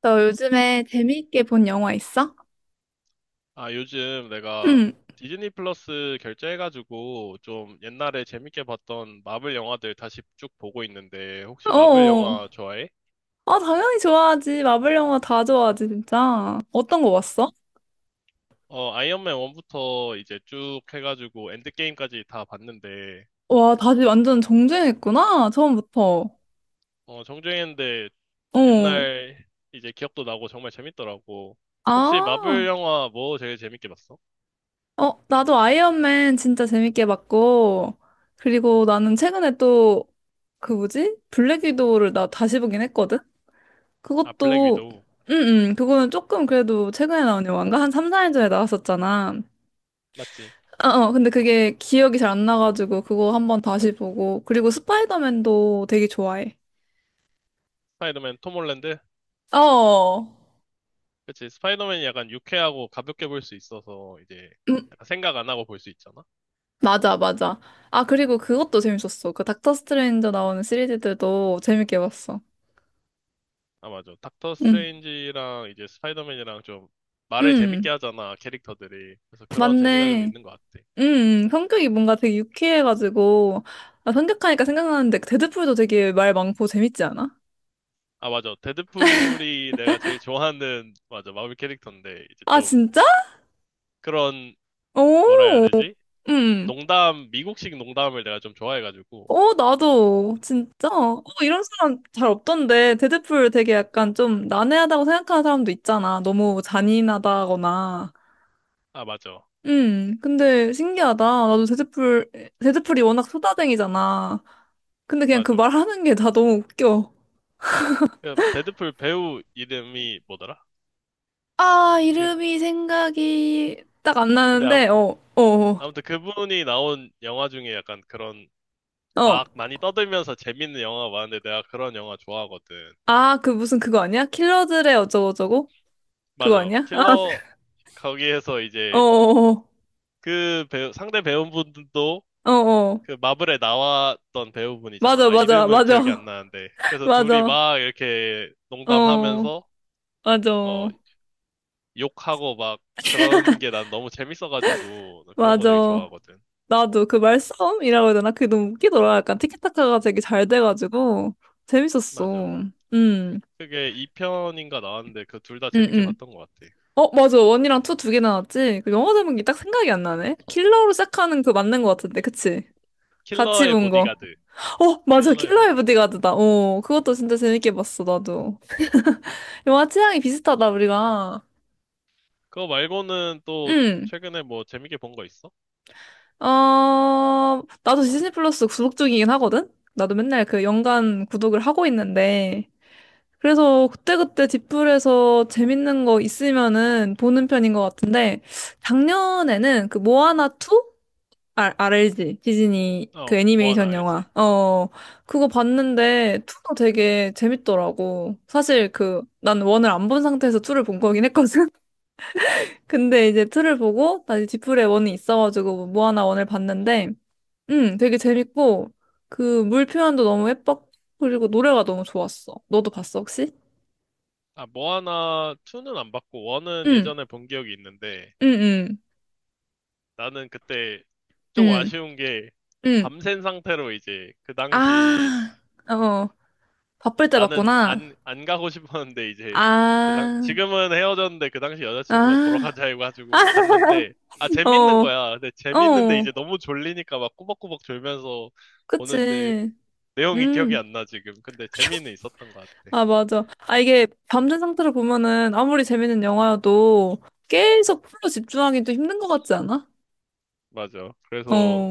너 요즘에 재미있게 본 영화 있어? 아, 요즘 내가 응. 디즈니 플러스 결제해가지고 좀 옛날에 재밌게 봤던 마블 영화들 다시 쭉 보고 있는데 혹시 마블 어. 영화 좋아해? 아, 당연히 좋아하지. 마블 영화 다 좋아하지, 진짜. 어떤 거 봤어? 어, 아이언맨 1부터 이제 쭉 해가지고 엔드게임까지 다 봤는데 와, 다시 완전 정주행했구나. 처음부터. 어, 정주행인데 어. 옛날 이제 기억도 나고 정말 재밌더라고. 혹시 마블 아. 영화 뭐 제일 재밌게 봤어? 어, 나도 아이언맨 진짜 재밌게 봤고. 그리고 나는 최근에 또, 그 뭐지? 블랙 위도우를 나 다시 보긴 했거든? 아, 블랙 그것도, 위도우. 응, 응. 그거는 조금 그래도 최근에 나온 영화인가? 한 3, 4년 전에 나왔었잖아. 맞지? 아, 어, 어, 근데 그게 기억이 잘 안 나가지고 그거 한번 다시 보고 그리고 스파이더맨도 되게 좋아해. 스파이더맨 톰 홀랜드? 어, 그치? 스파이더맨이 약간 유쾌하고 가볍게 볼 수 있어서 이제 음, 약간 생각 안 하고 볼 수 있잖아. 맞아, 맞아. 아, 그리고 그것도 재밌었어. 그 닥터 스트레인저 나오는 시리즈들도 재밌게 봤어. 아, 맞아. 닥터 응, 스트레인지랑 이제 스파이더맨이랑 좀 말을 응, 재밌게 하잖아, 캐릭터들이. 그래서 그런 재미가 좀 맞네. 있는 것 같아. 응, 성격이 뭔가 되게 유쾌해가지고 아, 생하니까 생각나는데 그 데드풀도 되게 말 많고 재밌지 않아? 아, 맞아. 데드풀이 내가 제일 좋아하는, 맞아, 마블 캐릭터인데, 이제 아, 좀 진짜? 그런, 뭐라 해야 오, 되지? 응. 농담, 미국식 농담을 내가 좀 좋아해가지고. 어, 나도, 진짜. 어, 이런 사람 잘 없던데. 데드풀 되게 약간 좀 난해하다고 생각하는 사람도 있잖아. 너무 잔인하다거나. 아, 맞아. 근데 신기하다. 나도 데드풀, 데드풀이 워낙 소다쟁이잖아. 근데 그냥 그 맞아. 말하는 게 다 너무 웃겨. 그 데드풀 배우 이름이 뭐더라? 아, 그, 이름이 생각이 딱 안 근데 나는데, 어, 어, 어. 아무튼 그분이 나온 영화 중에 약간 그런 어. 막 많이 떠들면서 재밌는 영화가 많은데 내가 그런 영화 좋아하거든. 아, 그 무슨 그거 아니야? 킬러들의 어쩌고저쩌고? 그거 맞아. 아니야? 아, 킬러 거기에서 어, 이제 어, 그 배우, 상대 배우분들도 어, 어. 어. 그 마블에 나왔던 배우분이잖아. 맞아, 아, 맞아, 이름은 기억이 안 맞아. 나는데. 그래서 둘이 맞아. 막 이렇게 어, 농담하면서 어, 맞아. 욕하고 막 그런 게 난 너무 재밌어가지고 나 그런 거 되게 맞아. 좋아하거든. 나도 그 말싸움이라고 해야 되나? 그게 너무 웃기더라. 약간 티키타카가 되게 잘 돼가지고 재밌었어. 맞아. 그게 2편인가 나왔는데 그 둘 다 재밌게 음. 봤던 것 같아. 어, 맞아. 원이랑 투 두 개 나왔지? 그 영화 제목이 딱 생각이 안 나네. 킬러로 시작하는 그 맞는 것 같은데, 그치? 같이 킬러의 본 거. 보디가드. 어, 맞아. 킬러의 킬러의 보디가드. 보디가드다. 어, 그것도 진짜 재밌게 봤어, 나도. 영화 취향이 비슷하다, 우리가. 그거 말고는 또 응. 최근에 뭐 재밌게 본 거 있어? 어, 나도 디즈니 플러스 구독 중이긴 하거든? 나도 맨날 그 연간 구독을 하고 있는데. 그래서 그때그때 뒷불에서 재밌는 거 있으면은 보는 편인 것 같은데, 작년에는 그 모아나 2? 아, RLG. 디즈니 그 어, 뭐 하나 애니메이션 알지? 영화. 어, 그거 봤는데 2도 되게 재밌더라고. 사실 그, 난 1을 안 본 상태에서 2를 본 거긴 했거든? 근데 이제 2를 보고, 다시 뒷불에 1이 있어가지고 모아나 1을 봤는데, 응, 되게 재밌고, 그, 물 표현도 너무 예뻤고, 그리고 노래가 너무 좋았어. 너도 봤어, 혹시? 아, 모아나 2는 안 봤고, 1은 응, 예전에 본 기억이 있는데, 응, 응, 나는 그때 좀 응, 아쉬운 게, 응. 밤샌 상태로 이제, 그 당시, 아, 어, 바쁠 때 나는 봤구나. 안, 안 가고 싶었는데, 이제, 아, 지금은 헤어졌는데, 그 당시 여자친구가 보러 아, 가자 해가지고 갔는데, 아, 재밌는 어, 거야. 근데 재밌는데, 어, 이제 너무 졸리니까 막 꾸벅꾸벅 졸면서 보는데, 그치. 내용이 기억이 음, 안 나, 지금. 근데 재미는 있었던 것 같아. 아, 맞아. 아, 이게 밤된 상태로 보면은 아무리 재밌는 영화여도 계속 풀로 집중하기도 힘든 것 같지 않아? 맞아. 어, 그래서,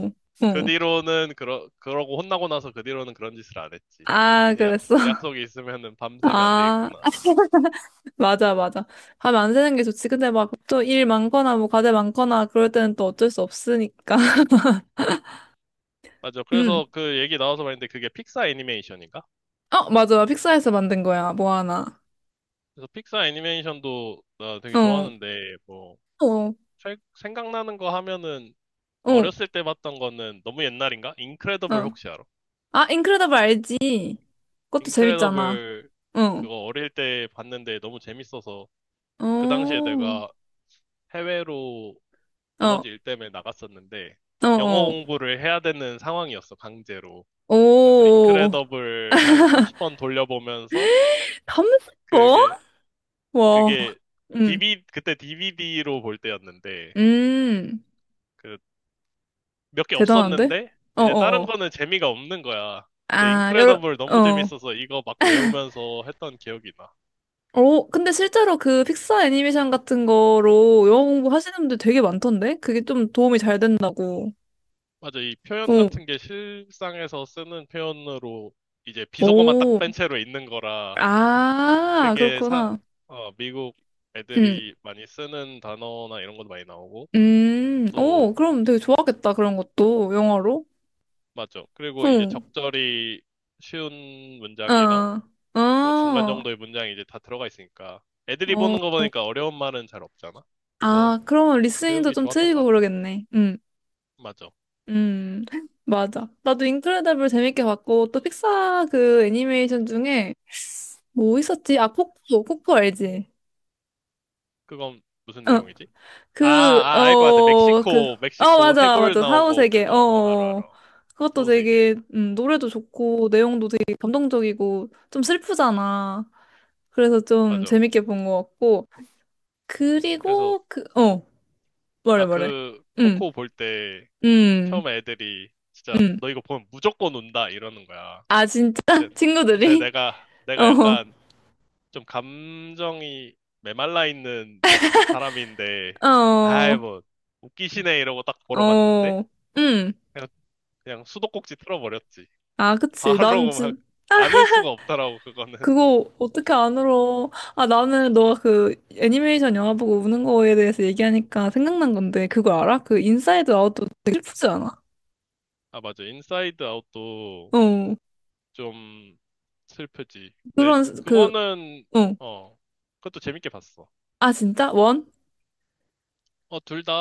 그 어. 뒤로는 그러고 혼나고 나서 그 뒤로는 그런 짓을 안 했지. 아, 이제 그랬어. 약속이 있으면은 밤새면 안 되겠구나. 아. 맞아, 맞아. 하면 안 새는 게 좋지. 근데 막 또 일 많거나 뭐 과제 많거나 그럴 때는 또 어쩔 수 없으니까. 맞아. 음. 그래서 그 얘기 나와서 말인데 그게 픽사 애니메이션인가? 어, 맞아. 픽사에서 만든 거야. 뭐 하나. 그래서 픽사 애니메이션도 나 되게 어. 좋아하는데 뭐 어. 생각나는 거 하면은 어. 어렸을 때 봤던 거는 너무 옛날인가? 인크레더블 어. 혹시 알아? 아, 인크레더블 알지? 그것도 재밌잖아. 인크레더블 어. 그거 어릴 때 봤는데 너무 재밌어서 어. 그 당시에 어. 내가 해외로 아버지 일 때문에 나갔었는데 어. 영어 어. 공부를 해야 되는 상황이었어, 강제로. 그래서 오. 인크레더블 한 30번 돌려보면서 컴스포? 그게 와. 그게 d 음. v 그때 DVD로 볼 때였는데 음. 그 몇 개 대단한데? 없었는데 어, 이제 어, 다른 어. 거는 재미가 없는 거야. 근데 아, 여러 인크레더블 너무 어. 재밌어서 이거 막 외우면서 했던 기억이 나. 어, 근데 실제로 그 픽사 애니메이션 같은 거로 영어 공부 하시는 분들 되게 많던데? 그게 좀 도움이 잘 된다고. 맞아, 이 표현 어, 같은 게 실상에서 쓰는 표현으로 이제 비속어만 딱 오, 뺀 채로 있는 거라 아, 그게 사, 그렇구나. 어, 미국 음, 애들이 많이 쓰는 단어나 이런 것도 많이 나오고, 오, 또, 그럼 되게 좋아하겠다, 그런 것도, 영어로. 맞죠. 그리고 이제 응, 적절히 쉬운 문장이랑, 어, 뭐 중간 어, 정도의 문장이 이제 다 들어가 있으니까, 애들이 어, 보는 거 보니까 어려운 말은 잘 없잖아. 그래서 아, 그러면 리스닝도 배우기 좀 좋았던 트이고 것 같아. 그러겠네. 맞아. 음, 맞아. 나도 인크레더블 재밌게 봤고, 또 픽사 그 애니메이션 중에 뭐 있었지? 아, 코코, 코코 알지? 그건 무슨 어. 내용이지? 아, 그, 아, 알 것 같아. 어, 그, 멕시코, 어, 멕시코 맞아, 해골 맞아. 나오고 사후세계, 어, 그거, 어, 알아, 어. 어. 알아. 그것도 서우세계. 되게, 노래도 좋고, 내용도 되게 감동적이고, 좀 슬프잖아. 그래서 좀 맞아. 재밌게 본 것 같고. 그래서, 그리고, 그, 어, 말해, 아, 말해. 그, 음, 코코 볼 때, 음, 처음에 애들이 진짜 음. 너 이거 보면 무조건 운다 이러는 거야. 아, 진짜? 근데, 근데 친구들이? 내가 내가 어, 약간 좀 감정이 메말라 있는 사람인데 아이 어, 뭐 웃기시네 이러고 딱 보러 갔는데 어, 음. 그냥, 그냥 수도꼭지 틀어버렸지. 아, 그치. 난, 바로 막 진, 안 울 수가 없더라고 그거는. 그거 어떻게 안 울어? 아, 나는 너가 그 애니메이션 영화 보고 우는 거에 대해서 얘기하니까 생각난 건데, 그거 알아? 그 인사이드 아웃도 되게 슬프지 않아? 아 맞아 인사이드 아웃도 어. 좀 슬프지. 근데 그런, 그, 그거는 어. 어 그것도 재밌게 봤어. 아, 진짜? 원? 어 둘 다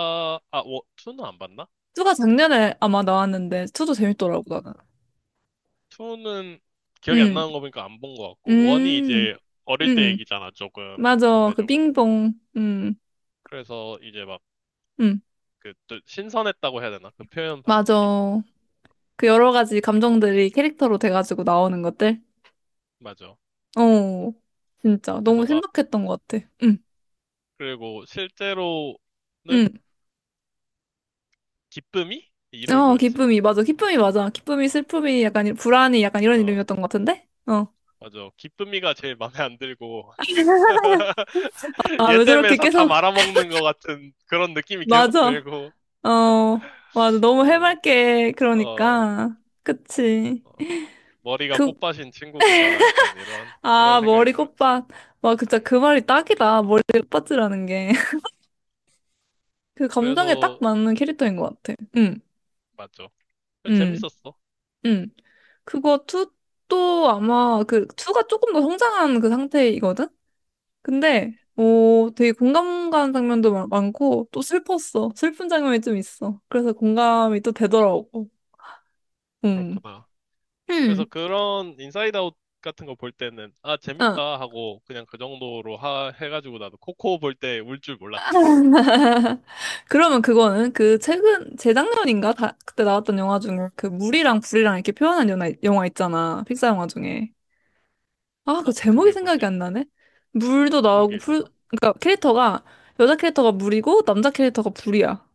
아 투는 안 봤나? 투가 작년에 아마 나왔는데, 투도 재밌더라고, 나는. 2는 기억이 안 응, 나는 거 보니까 안 본 거 같고, 1이 음, 이제 어릴 때 음, 얘기잖아, 조금, 맞아. 그 상대적으로. 빙봉, 그래서 이제 막, 음, 그, 또 신선했다고 해야 되나? 그 표현 맞아. 방식이? 그 여러 가지 감정들이 캐릭터로 돼가지고 나오는 것들? 맞아. 어, 진짜. 그래서 너무 막, 신박했던 것 같아. 응. 그리고 실제로는 응. 기쁨이? 이름이 어, 뭐였지? 기쁨이, 맞아. 기쁨이, 맞아. 기쁨이, 어, 슬픔이, 약간, 이- 불안이, 약간 이런 어, 이름이었던 것 같은데? 어. 맞아. 기쁨이가 제일 마음에 안 들고, 아, 얘 왜 때문에 저렇게 다 계속, 말아먹는 것 같은 그런 느낌이 계속 맞아. 들고, 어, 맞아. 너무 어, 해맑게, 어, 그러니까. 그치. 어, 머리가 그, 꽃밭인 친구구나, 약간 이런 아, 생각이 머리 들었지. 꽃밭. 와, 진짜 음. 그 말이 딱이다. 머리 꽃밭이라는 게. 그 감정에 딱 그래서 맞는 캐릭터인 것 같아. 응, 맞죠. 그래서 응, 재밌었어. 응. 그거 투 또 아마 그, 투가 조금 더 성장한 그 상태이거든? 근데 어 되게 공감 가는 장면도 많고 또 슬펐어. 슬픈 장면이 좀 있어. 그래서 공감이 또 되더라고. 음. 그렇구나. 그래서 음. 그런 인사이드 아웃 같은 거 볼 때는 아 아. 재밌다 하고 그냥 그 정도로 하 해가지고 나도 코코 볼 때 울 줄 몰랐지 내가. 그러면 그거는 그 최근 재작년인가 다, 그때 나왔던 영화 중에 그 물이랑 불이랑 이렇게 표현한 영화, 영화 있잖아. 픽사 영화 중에. 아, 그 어 제목이 그게 생각이 뭐지? 안 나네. 물도 그런 나오고 게 불 있었나? 그러니까 캐릭터가 여자 캐릭터가 물이고 남자 캐릭터가 불이야.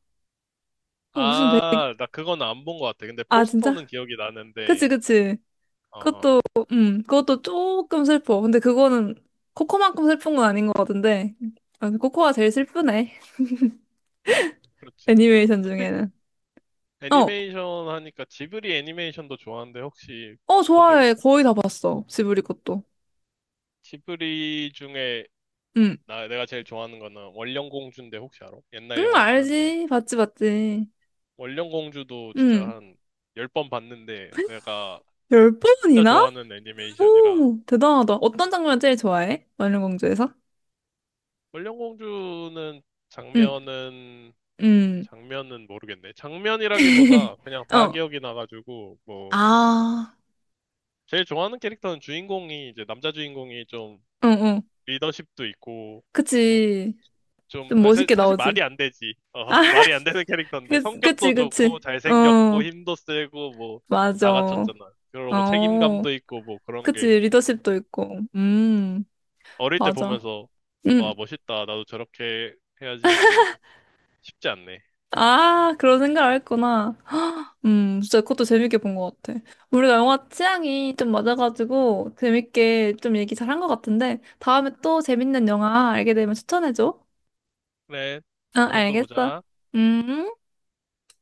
어, 무슨 되게 아 나 그건 안 본 것 같아. 근데 아, 포스터는 진짜? 기억이 그치, 나는데 그치. 그것도, 어어 그것도 조금 슬퍼. 근데 그거는 코코만큼 슬픈 건 아닌 것 같은데. 아, 코코가 제일 슬프네. 그렇지. 애니메이션 토픽 중에는. 어, 애니메이션 하니까 지브리 애니메이션도 좋아하는데 혹시 어, 본 적 좋아해. 있어? 거의 다 봤어. 지브리 것도. 지브리 중에 응, 나 내가 제일 좋아하는 거는 원령공주인데 혹시 알아? 응, 옛날 영화긴 한데. 알지. 봤지, 봤지. 원령공주도 진짜 응. 한 10번 봤는데 내가 열 진짜 번이나? 좋아하는 애니메이션이라 오, 대단하다. 어떤 장면 제일 좋아해? 마녀공주에서? 원령공주는 응, 장면은 응. 장면은 모르겠네. 장면이라기보다 그냥 다 어, 기억이 나가지고 뭐 아, 제일 좋아하는 캐릭터는 주인공이 이제 남자 주인공이 좀 응, 응. 리더십도 있고 어? 그치. 좀, 좀 아, 사, 멋있게 실 나오지. 말이 안 되지. 어, 아, 말이 안 되는 캐릭터인데, 그, 성격도 그치, 좋고, 그치. 잘생겼고, 어, 힘도 세고, 뭐, 맞아. 다 갖췄잖아. 그러고 어, 책임감도 있고, 뭐, 그런 그치, 게. 리더십도 있고. 음. 어릴 때 맞아. 보면서 음, 와 멋있다 나도 저렇게 해야지 했는데 쉽지 않네. 아, 그런 생각을 했구나. 헉, 진짜 그것도 재밌게 본 것 같아. 우리가 영화 취향이 좀 맞아가지고 재밌게 좀 얘기 잘 한 것 같은데, 다음에 또 재밌는 영화 알게 되면 추천해줘. 그래 응, 다음에 또 알겠어. 보자. 음.